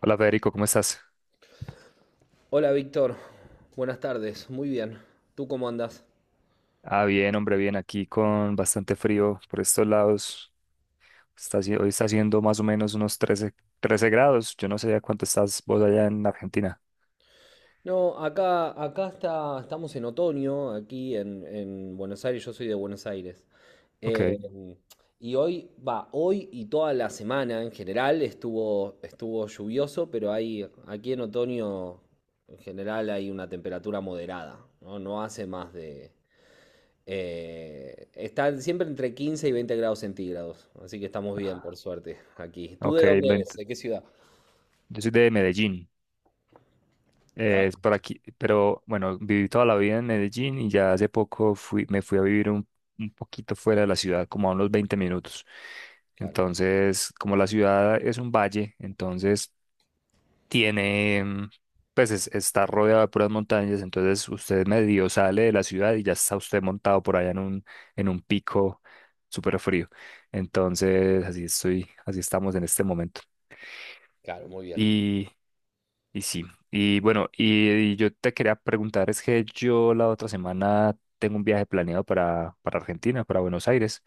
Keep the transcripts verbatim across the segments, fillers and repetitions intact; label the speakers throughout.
Speaker 1: Hola Federico, ¿cómo estás?
Speaker 2: Hola Víctor, buenas tardes, muy bien. ¿Tú cómo andas?
Speaker 1: Ah, bien, hombre, bien, aquí con bastante frío por estos lados. Está, haci- hoy está haciendo más o menos unos trece, trece grados. Yo no sé a cuánto estás vos allá en Argentina.
Speaker 2: No, acá, acá está, estamos en otoño, aquí en, en Buenos Aires, yo soy de Buenos Aires. Eh,
Speaker 1: Ok,
Speaker 2: y hoy, va, hoy y toda la semana en general estuvo, estuvo lluvioso, pero hay, aquí en otoño en general hay una temperatura moderada, ¿no? No hace más de. Eh, está siempre entre quince y veinte grados centígrados, así que estamos bien, por suerte, aquí. ¿Tú de
Speaker 1: ok.
Speaker 2: dónde
Speaker 1: ven-
Speaker 2: eres? ¿De qué ciudad?
Speaker 1: Yo soy de Medellín, eh, es por aquí, pero bueno, viví toda la vida en Medellín y ya hace poco fui, me fui a vivir un, un poquito fuera de la ciudad, como a unos veinte minutos.
Speaker 2: Claro,
Speaker 1: Entonces, como la ciudad es un valle, entonces tiene, mm, pues es- está rodeado de puras montañas, entonces usted medio sale de la ciudad y ya está usted montado por allá en un, en un pico súper frío. Entonces, así estoy, así estamos en este momento.
Speaker 2: claro, muy bien.
Speaker 1: Y, y sí, y bueno, y, y yo te quería preguntar, es que yo la otra semana tengo un viaje planeado para, para Argentina, para Buenos Aires.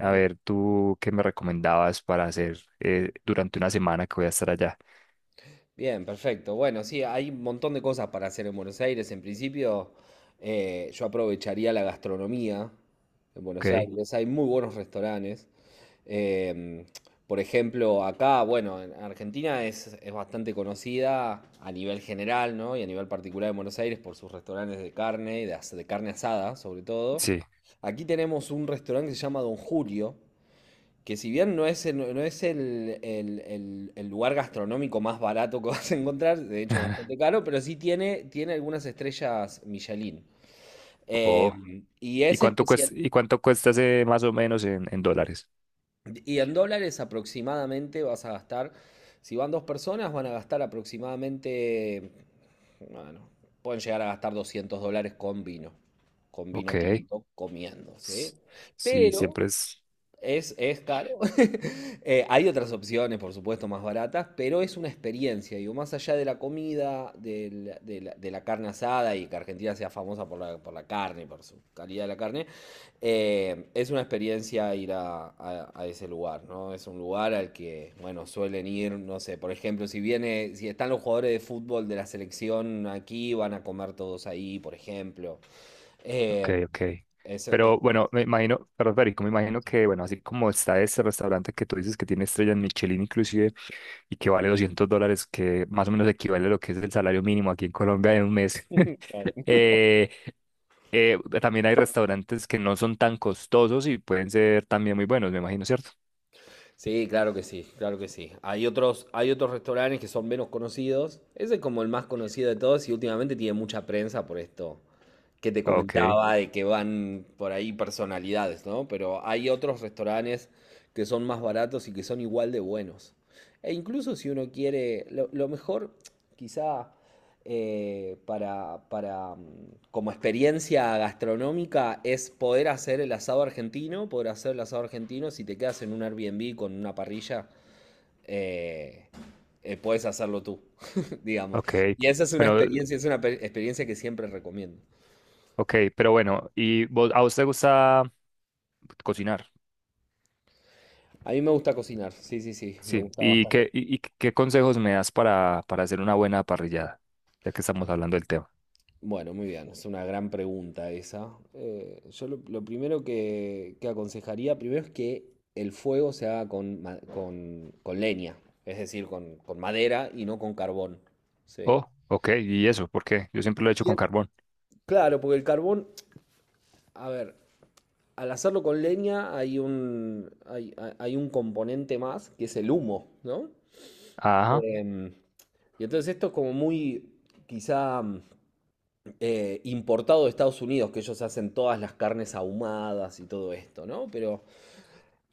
Speaker 2: Ah, mu-
Speaker 1: ver, ¿tú qué me recomendabas para hacer eh, durante una semana que voy a estar allá?
Speaker 2: bien, perfecto. Bueno, sí, hay un montón de cosas para hacer en Buenos Aires. En principio, eh, yo aprovecharía la gastronomía en Buenos
Speaker 1: Ok,
Speaker 2: Aires. Hay muy buenos restaurantes. Em, por ejemplo, acá, bueno, en Argentina es, es bastante conocida a nivel general, ¿no? Y a nivel particular en Buenos Aires por sus restaurantes de carne, y de as- de carne asada, sobre todo.
Speaker 1: sí.
Speaker 2: Aquí tenemos un restaurante que se llama Don Julio que si bien no es, el- no no es el, el- el- el lugar gastronómico más barato que vas a encontrar, de hecho es bastante caro, pero sí tiene, tiene algunas estrellas Michelin. Eh,
Speaker 1: Oh.
Speaker 2: y
Speaker 1: ¿Y
Speaker 2: es
Speaker 1: cuánto
Speaker 2: especial.
Speaker 1: cuesta, y cuánto cuesta ese más o menos en, en dólares?
Speaker 2: Y en dólares aproximadamente vas a gastar, si van dos personas, van a gastar aproximadamente, bueno, pueden llegar a gastar doscientos dólares con vino, con vino
Speaker 1: Ok.
Speaker 2: tinto, comiendo, ¿sí?
Speaker 1: S- Sí,
Speaker 2: Pero.
Speaker 1: siempre es.
Speaker 2: Es, es caro. Eh, hay otras opciones, por supuesto, más baratas, pero es una experiencia. Digo, más allá de la comida, del- de la, de la carne asada y que Argentina sea famosa por la, por la carne, por su calidad de la carne, eh, es una experiencia ir a, a- a ese lugar, ¿no? Es un lugar al que, bueno, suelen ir, no sé, por ejemplo, si viene, si están los jugadores de fútbol de la selección aquí, van a comer todos ahí, por ejemplo.
Speaker 1: Ok,
Speaker 2: Eh,
Speaker 1: ok.
Speaker 2: es, es-
Speaker 1: Pero bueno, me imagino, perdón, Federico, me imagino que, bueno, así como está este restaurante que tú dices que tiene estrellas Michelin inclusive y que vale doscientos dólares, que más o menos equivale a lo que es el salario mínimo aquí en Colombia en un mes. eh, eh, también hay restaurantes que no son tan costosos y pueden ser también muy buenos, me imagino, ¿cierto?
Speaker 2: Sí, claro que sí, claro que sí. Hay otros, hay otros restaurantes que son menos conocidos. Ese es como el más conocido de todos y últimamente tiene mucha prensa por esto que te
Speaker 1: Ok,
Speaker 2: comentaba de que van por ahí personalidades, ¿no? Pero hay otros restaurantes que son más baratos y que son igual de buenos. E incluso si uno quiere, lo, lo mejor quizá eh, para, para, mm, como experiencia gastronómica es poder hacer el asado argentino, poder hacer el asado argentino, si te quedas en un Airbnb con una parrilla, eh, eh, puedes hacerlo tú, digamos.
Speaker 1: ok.
Speaker 2: Y esa es una
Speaker 1: Bueno,
Speaker 2: experiencia, es una pe- experiencia que siempre recomiendo.
Speaker 1: ok, pero bueno, ¿y vos- a vos te gusta cocinar?
Speaker 2: A mí me gusta cocinar, sí, sí, sí, me
Speaker 1: Sí.
Speaker 2: gusta
Speaker 1: ¿Y
Speaker 2: bastante.
Speaker 1: qué, y, y qué consejos me das para, para hacer una buena parrillada? Ya que estamos hablando del tema.
Speaker 2: Bueno, muy bien, es una gran pregunta esa. Eh, yo lo, lo primero que, que aconsejaría, primero es que el fuego se haga con, ma- con, con leña, es decir, con, con madera y no con carbón, ¿sí?
Speaker 1: Oh, ok, ¿y eso? ¿Por qué? Yo siempre lo he hecho
Speaker 2: Y
Speaker 1: con
Speaker 2: el-
Speaker 1: carbón.
Speaker 2: Claro, porque el carbón, a ver, al hacerlo con leña hay un, hay, hay- hay un componente más que es el humo, ¿no?
Speaker 1: Ajá.
Speaker 2: Em, y entonces esto es como muy, quizá eh, importado de Estados Unidos, que ellos hacen todas las carnes ahumadas y todo esto, ¿no? Pero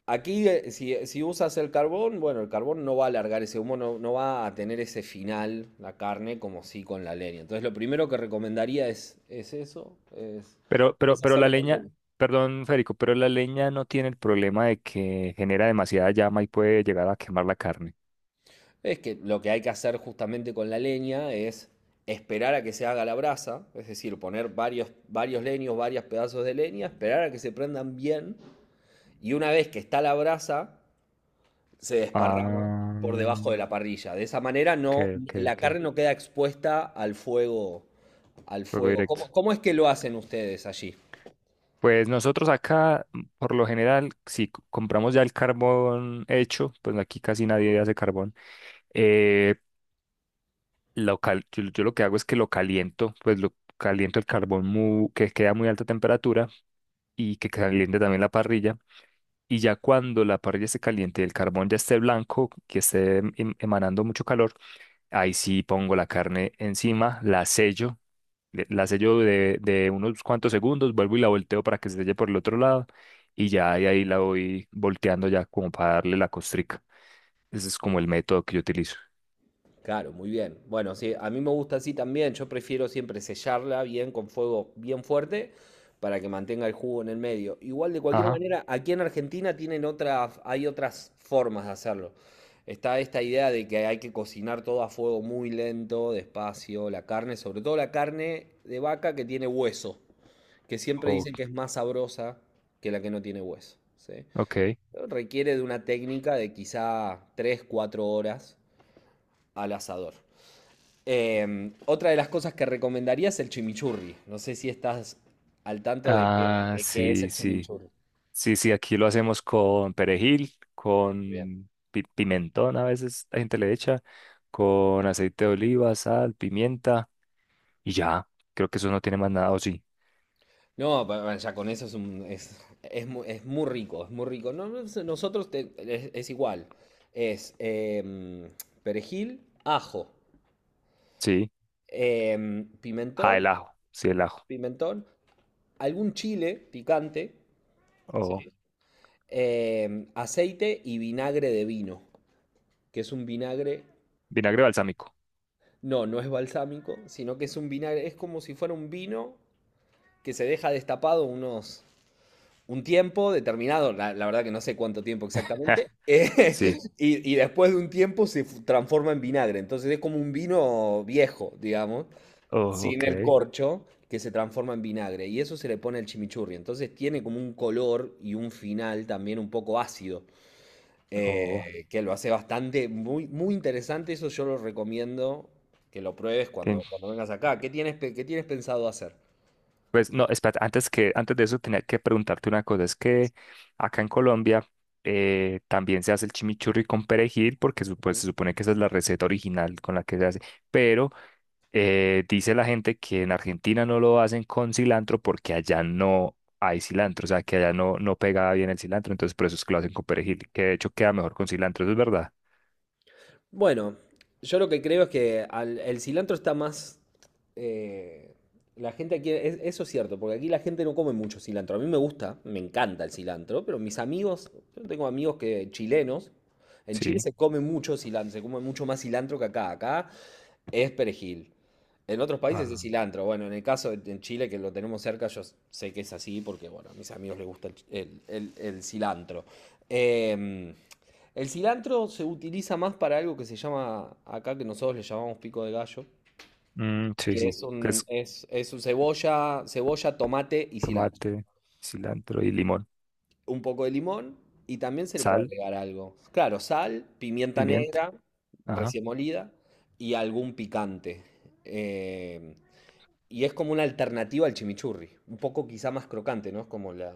Speaker 2: aquí, eh, si, si usas el carbón, bueno, el carbón no va a alargar ese humo, no, no va a tener ese final, la carne, como sí con la leña. Entonces, lo primero que recomendaría es, es eso, es,
Speaker 1: Pero, pero,
Speaker 2: es
Speaker 1: pero la
Speaker 2: hacerlo con
Speaker 1: leña,
Speaker 2: leña.
Speaker 1: perdón, Federico, pero la leña no tiene el problema de que genera demasiada llama y puede llegar a quemar la carne.
Speaker 2: Es que lo que hay que hacer justamente con la leña es esperar a que se haga la brasa, es decir, poner varios, varios leños, varios pedazos de leña, esperar a que se prendan bien, y una vez que está la brasa, se desparrama por
Speaker 1: Ah,
Speaker 2: debajo de la parrilla. De esa manera
Speaker 1: ok,
Speaker 2: no,
Speaker 1: ok,
Speaker 2: la
Speaker 1: ok.
Speaker 2: carne no queda expuesta al fuego, al
Speaker 1: Fuego
Speaker 2: fuego.
Speaker 1: directo.
Speaker 2: ¿Cómo, cómo es que lo hacen ustedes allí?
Speaker 1: Pues nosotros acá, mm, por lo general, si c- compramos ya el carbón hecho, pues aquí casi nadie hace carbón. eh, lo cal- yo, yo lo que hago es que lo caliento, pues lo caliento el carbón mu- que queda a muy alta temperatura y que caliente también la parrilla. Y ya cuando la parrilla esté caliente y el carbón ya esté blanco, que esté em- emanando mucho calor, ahí sí pongo la carne encima, la sello le- la sello de, de unos cuantos segundos, vuelvo y la volteo para que se selle por el otro lado y ya de ahí la voy volteando ya como para darle la costrica. Ese es como el método que yo utilizo.
Speaker 2: Claro, muy bien. Bueno, sí, a mí me gusta así también. Yo prefiero siempre sellarla bien con fuego bien fuerte para que mantenga el jugo en el medio. Igual de cualquier
Speaker 1: Ajá.
Speaker 2: manera, aquí en Argentina tienen otras, hay otras formas de hacerlo. Está esta idea de que hay que cocinar todo a fuego muy lento, despacio, la carne, sobre todo la carne de vaca que tiene hueso, que siempre
Speaker 1: o-
Speaker 2: dicen que es más sabrosa que la que no tiene hueso, ¿sí?
Speaker 1: ok.
Speaker 2: Pero Requiere de una técnica de quizá tres cuatro horas al asador. Eh, otra de las cosas que recomendaría es el chimichurri. No sé si estás al tanto de qué,
Speaker 1: Ah,
Speaker 2: de qué es
Speaker 1: sí,
Speaker 2: el
Speaker 1: sí.
Speaker 2: chimichurri.
Speaker 1: Sí, sí, aquí lo hacemos con perejil,
Speaker 2: Bien.
Speaker 1: con pi- pimentón, a veces la gente le echa, con aceite de oliva, sal, pimienta y ya. Creo que eso no tiene más nada, o sí.
Speaker 2: No, pa- pa- ya con eso es, un- es, es mu- es muy rico, es muy rico. No, no sé, nosotros te- es, es igual. Es em, perejil, ajo,
Speaker 1: Sí.
Speaker 2: em,
Speaker 1: Ah,
Speaker 2: pimentón,
Speaker 1: el ajo. Sí, el ajo.
Speaker 2: pimentón, algún chile picante,
Speaker 1: O
Speaker 2: Sí. eh, aceite y vinagre de vino, que es un vinagre,
Speaker 1: vinagre balsámico.
Speaker 2: no, no es balsámico, sino que es un vinagre, es como si fuera un vino que se deja destapado unos, un tiempo determinado, la, la verdad que no sé cuánto tiempo exactamente, eh,
Speaker 1: Sí.
Speaker 2: y, y después de un tiempo se fu- transforma en vinagre, entonces es como un vino viejo, digamos,
Speaker 1: Oh,
Speaker 2: sin el
Speaker 1: ok.
Speaker 2: corcho que se transforma en vinagre y eso se le pone al chimichurri. Entonces tiene como un color y un final también un poco ácido,
Speaker 1: Oh,
Speaker 2: eh, que lo hace bastante, muy, muy interesante. Eso yo lo recomiendo que lo pruebes
Speaker 1: ten-
Speaker 2: cuando, cuando vengas acá. ¿Qué tienes, pe- qué tienes pensado hacer?
Speaker 1: pues no, espera, antes que, antes de eso tenía que preguntarte una cosa. Es que acá en Colombia eh, también se hace el chimichurri con perejil, porque supo- se supone que esa es la receta original con la que se hace. Pero eh, dice la gente que en Argentina no lo hacen con cilantro porque allá no hay cilantro, o sea, que allá no, no pega bien el cilantro, entonces por eso es que lo hacen con perejil, que de hecho queda mejor con cilantro, ¿eso es verdad?
Speaker 2: Bueno, yo lo que creo es que al- el cilantro está más, eh, la gente aquí, es- eso es cierto, porque aquí la gente no come mucho cilantro. A mí me gusta, me encanta el cilantro, pero mis amigos, yo tengo amigos que chilenos, en Chile
Speaker 1: Sí.
Speaker 2: se come mucho cilantro, se come mucho más cilantro que acá. Acá es perejil. En otros países es
Speaker 1: Ah.
Speaker 2: cilantro. Bueno, en el caso de en Chile, que lo tenemos cerca, yo sé que es así porque, bueno, a mis amigos les gusta el, ch- el- el- el cilantro. Em, el cilantro se utiliza más para algo que se llama, acá que nosotros le llamamos pico de gallo,
Speaker 1: Mm, sí,
Speaker 2: que
Speaker 1: sí.
Speaker 2: es
Speaker 1: Que
Speaker 2: un,
Speaker 1: es
Speaker 2: es, es un cebolla, cebolla, tomate y cilantro.
Speaker 1: tomate, cilantro y limón.
Speaker 2: Un poco de limón y también se le puede
Speaker 1: Sal,
Speaker 2: agregar algo. Claro, sal, pimienta
Speaker 1: pimienta.
Speaker 2: negra,
Speaker 1: Ajá.
Speaker 2: recién molida y algún picante. Eh, y es como una alternativa al chimichurri, un poco quizá más crocante, ¿no? Es como la,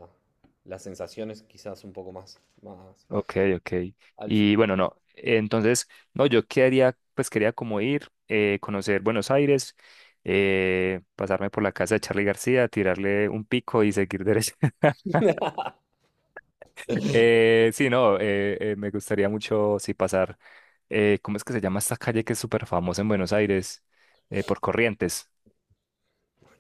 Speaker 2: las sensaciones quizás un poco más, más
Speaker 1: Ok, ok.
Speaker 2: al fin.
Speaker 1: Y bueno, no. Entonces, no, yo quería, pues quería como ir, eh, conocer Buenos Aires, eh, pasarme por la casa de Charly García, tirarle un pico y seguir derecho. Eh, sí, no, eh, eh, me gustaría mucho, sí, pasar. eh, ¿cómo es que se llama esta calle que es súper famosa en Buenos Aires? Eh, por Corrientes.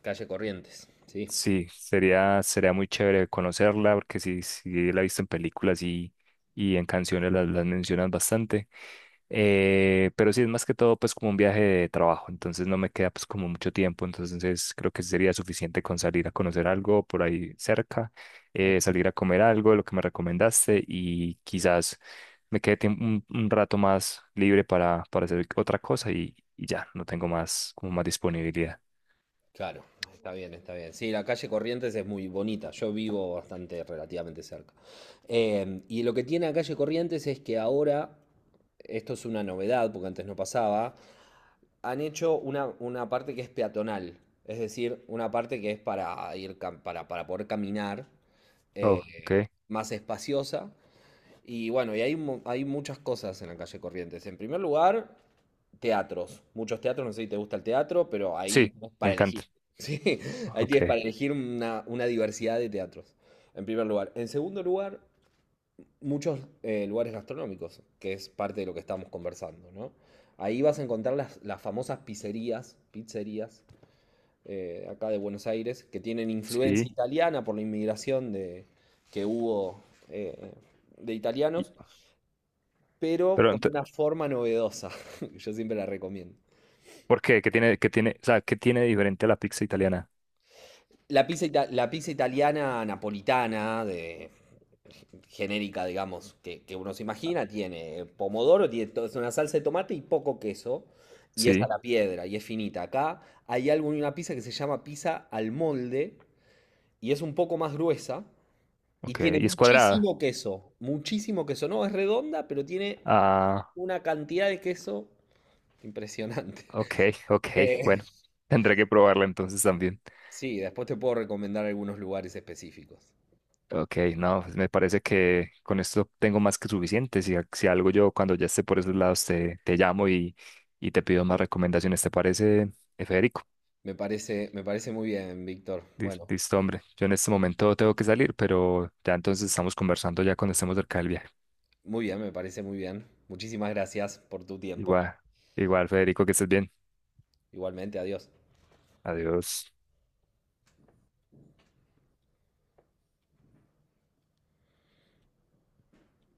Speaker 2: Calle Corrientes, sí.
Speaker 1: Sí, sería, sería muy chévere conocerla, porque sí, sí la he visto en películas y, y en canciones las las mencionan bastante. Eh, pero sí, es más que todo pues como un viaje de trabajo, entonces no me queda pues como mucho tiempo, entonces creo que sería suficiente con salir a conocer algo por ahí cerca, eh, salir a comer algo, lo que me recomendaste y quizás me quede tiemp- un, un rato más libre para, para hacer otra cosa y, y ya, no tengo más como más disponibilidad.
Speaker 2: Claro, está bien, está bien. Sí, la calle Corrientes es muy bonita. Yo vivo bastante relativamente cerca. Eh, y lo que tiene la calle Corrientes es que ahora, esto es una novedad porque antes no pasaba, han hecho una, una parte que es peatonal. Es decir, una parte que es para ir, cam- para, para poder caminar,
Speaker 1: Oh,
Speaker 2: eh,
Speaker 1: ok.
Speaker 2: más espaciosa. Y bueno, y hay, mu- hay muchas cosas en la calle Corrientes. En primer lugar, teatros. Muchos teatros, no sé si te gusta el teatro, pero ahí
Speaker 1: Sí,
Speaker 2: tenés
Speaker 1: me
Speaker 2: para
Speaker 1: encanta.
Speaker 2: elegir. Sí, ahí
Speaker 1: Ok,
Speaker 2: tienes para elegir una, una diversidad de teatros, en primer lugar. En segundo lugar, muchos eh, lugares gastronómicos, que es parte de lo que estamos conversando, ¿no? Ahí vas a encontrar las, las famosas pizzerías, pizzerías eh, acá de Buenos Aires, que tienen influencia
Speaker 1: sí.
Speaker 2: italiana por la inmigración de, que hubo eh, de
Speaker 1: y-
Speaker 2: italianos pero
Speaker 1: Pero
Speaker 2: con
Speaker 1: ento-
Speaker 2: una forma novedosa. que Yo siempre la recomiendo.
Speaker 1: ¿por qué? ¿Qué tiene, qué tiene, o sea, qué tiene de diferente a la pizza italiana?
Speaker 2: La pizza, ita- la pizza italiana napolitana, de, genérica, digamos, que, que uno se imagina, tiene pomodoro, tiene to- es una salsa de tomate y poco queso, y es a
Speaker 1: Sí,
Speaker 2: la piedra, y es finita. Acá hay algo en una pizza que se llama pizza al molde, y es un poco más gruesa, y
Speaker 1: ok.
Speaker 2: tiene
Speaker 1: Y es cuadrada.
Speaker 2: muchísimo queso, muchísimo queso. No es redonda, pero tiene
Speaker 1: Ah,
Speaker 2: una cantidad de queso impresionante.
Speaker 1: ok, ok,
Speaker 2: Eh,
Speaker 1: bueno, tendré que probarla entonces también.
Speaker 2: Sí, después te puedo recomendar algunos lugares específicos.
Speaker 1: Ok, no, pues me parece que con esto tengo más que suficiente. Si, a- si algo yo cuando ya esté por esos lados te, te llamo y, y te pido más recomendaciones, ¿te parece, eh, Federico?
Speaker 2: Me parece, me parece muy bien, Víctor.
Speaker 1: Lis-
Speaker 2: Bueno,
Speaker 1: Listo, hombre. Yo en este momento tengo que salir, pero ya entonces estamos conversando ya cuando estemos cerca del viaje.
Speaker 2: muy bien, me parece muy bien. Muchísimas gracias por tu tiempo.
Speaker 1: Igual, igual, Federico, que estés bien.
Speaker 2: Igualmente, adiós.
Speaker 1: Adiós.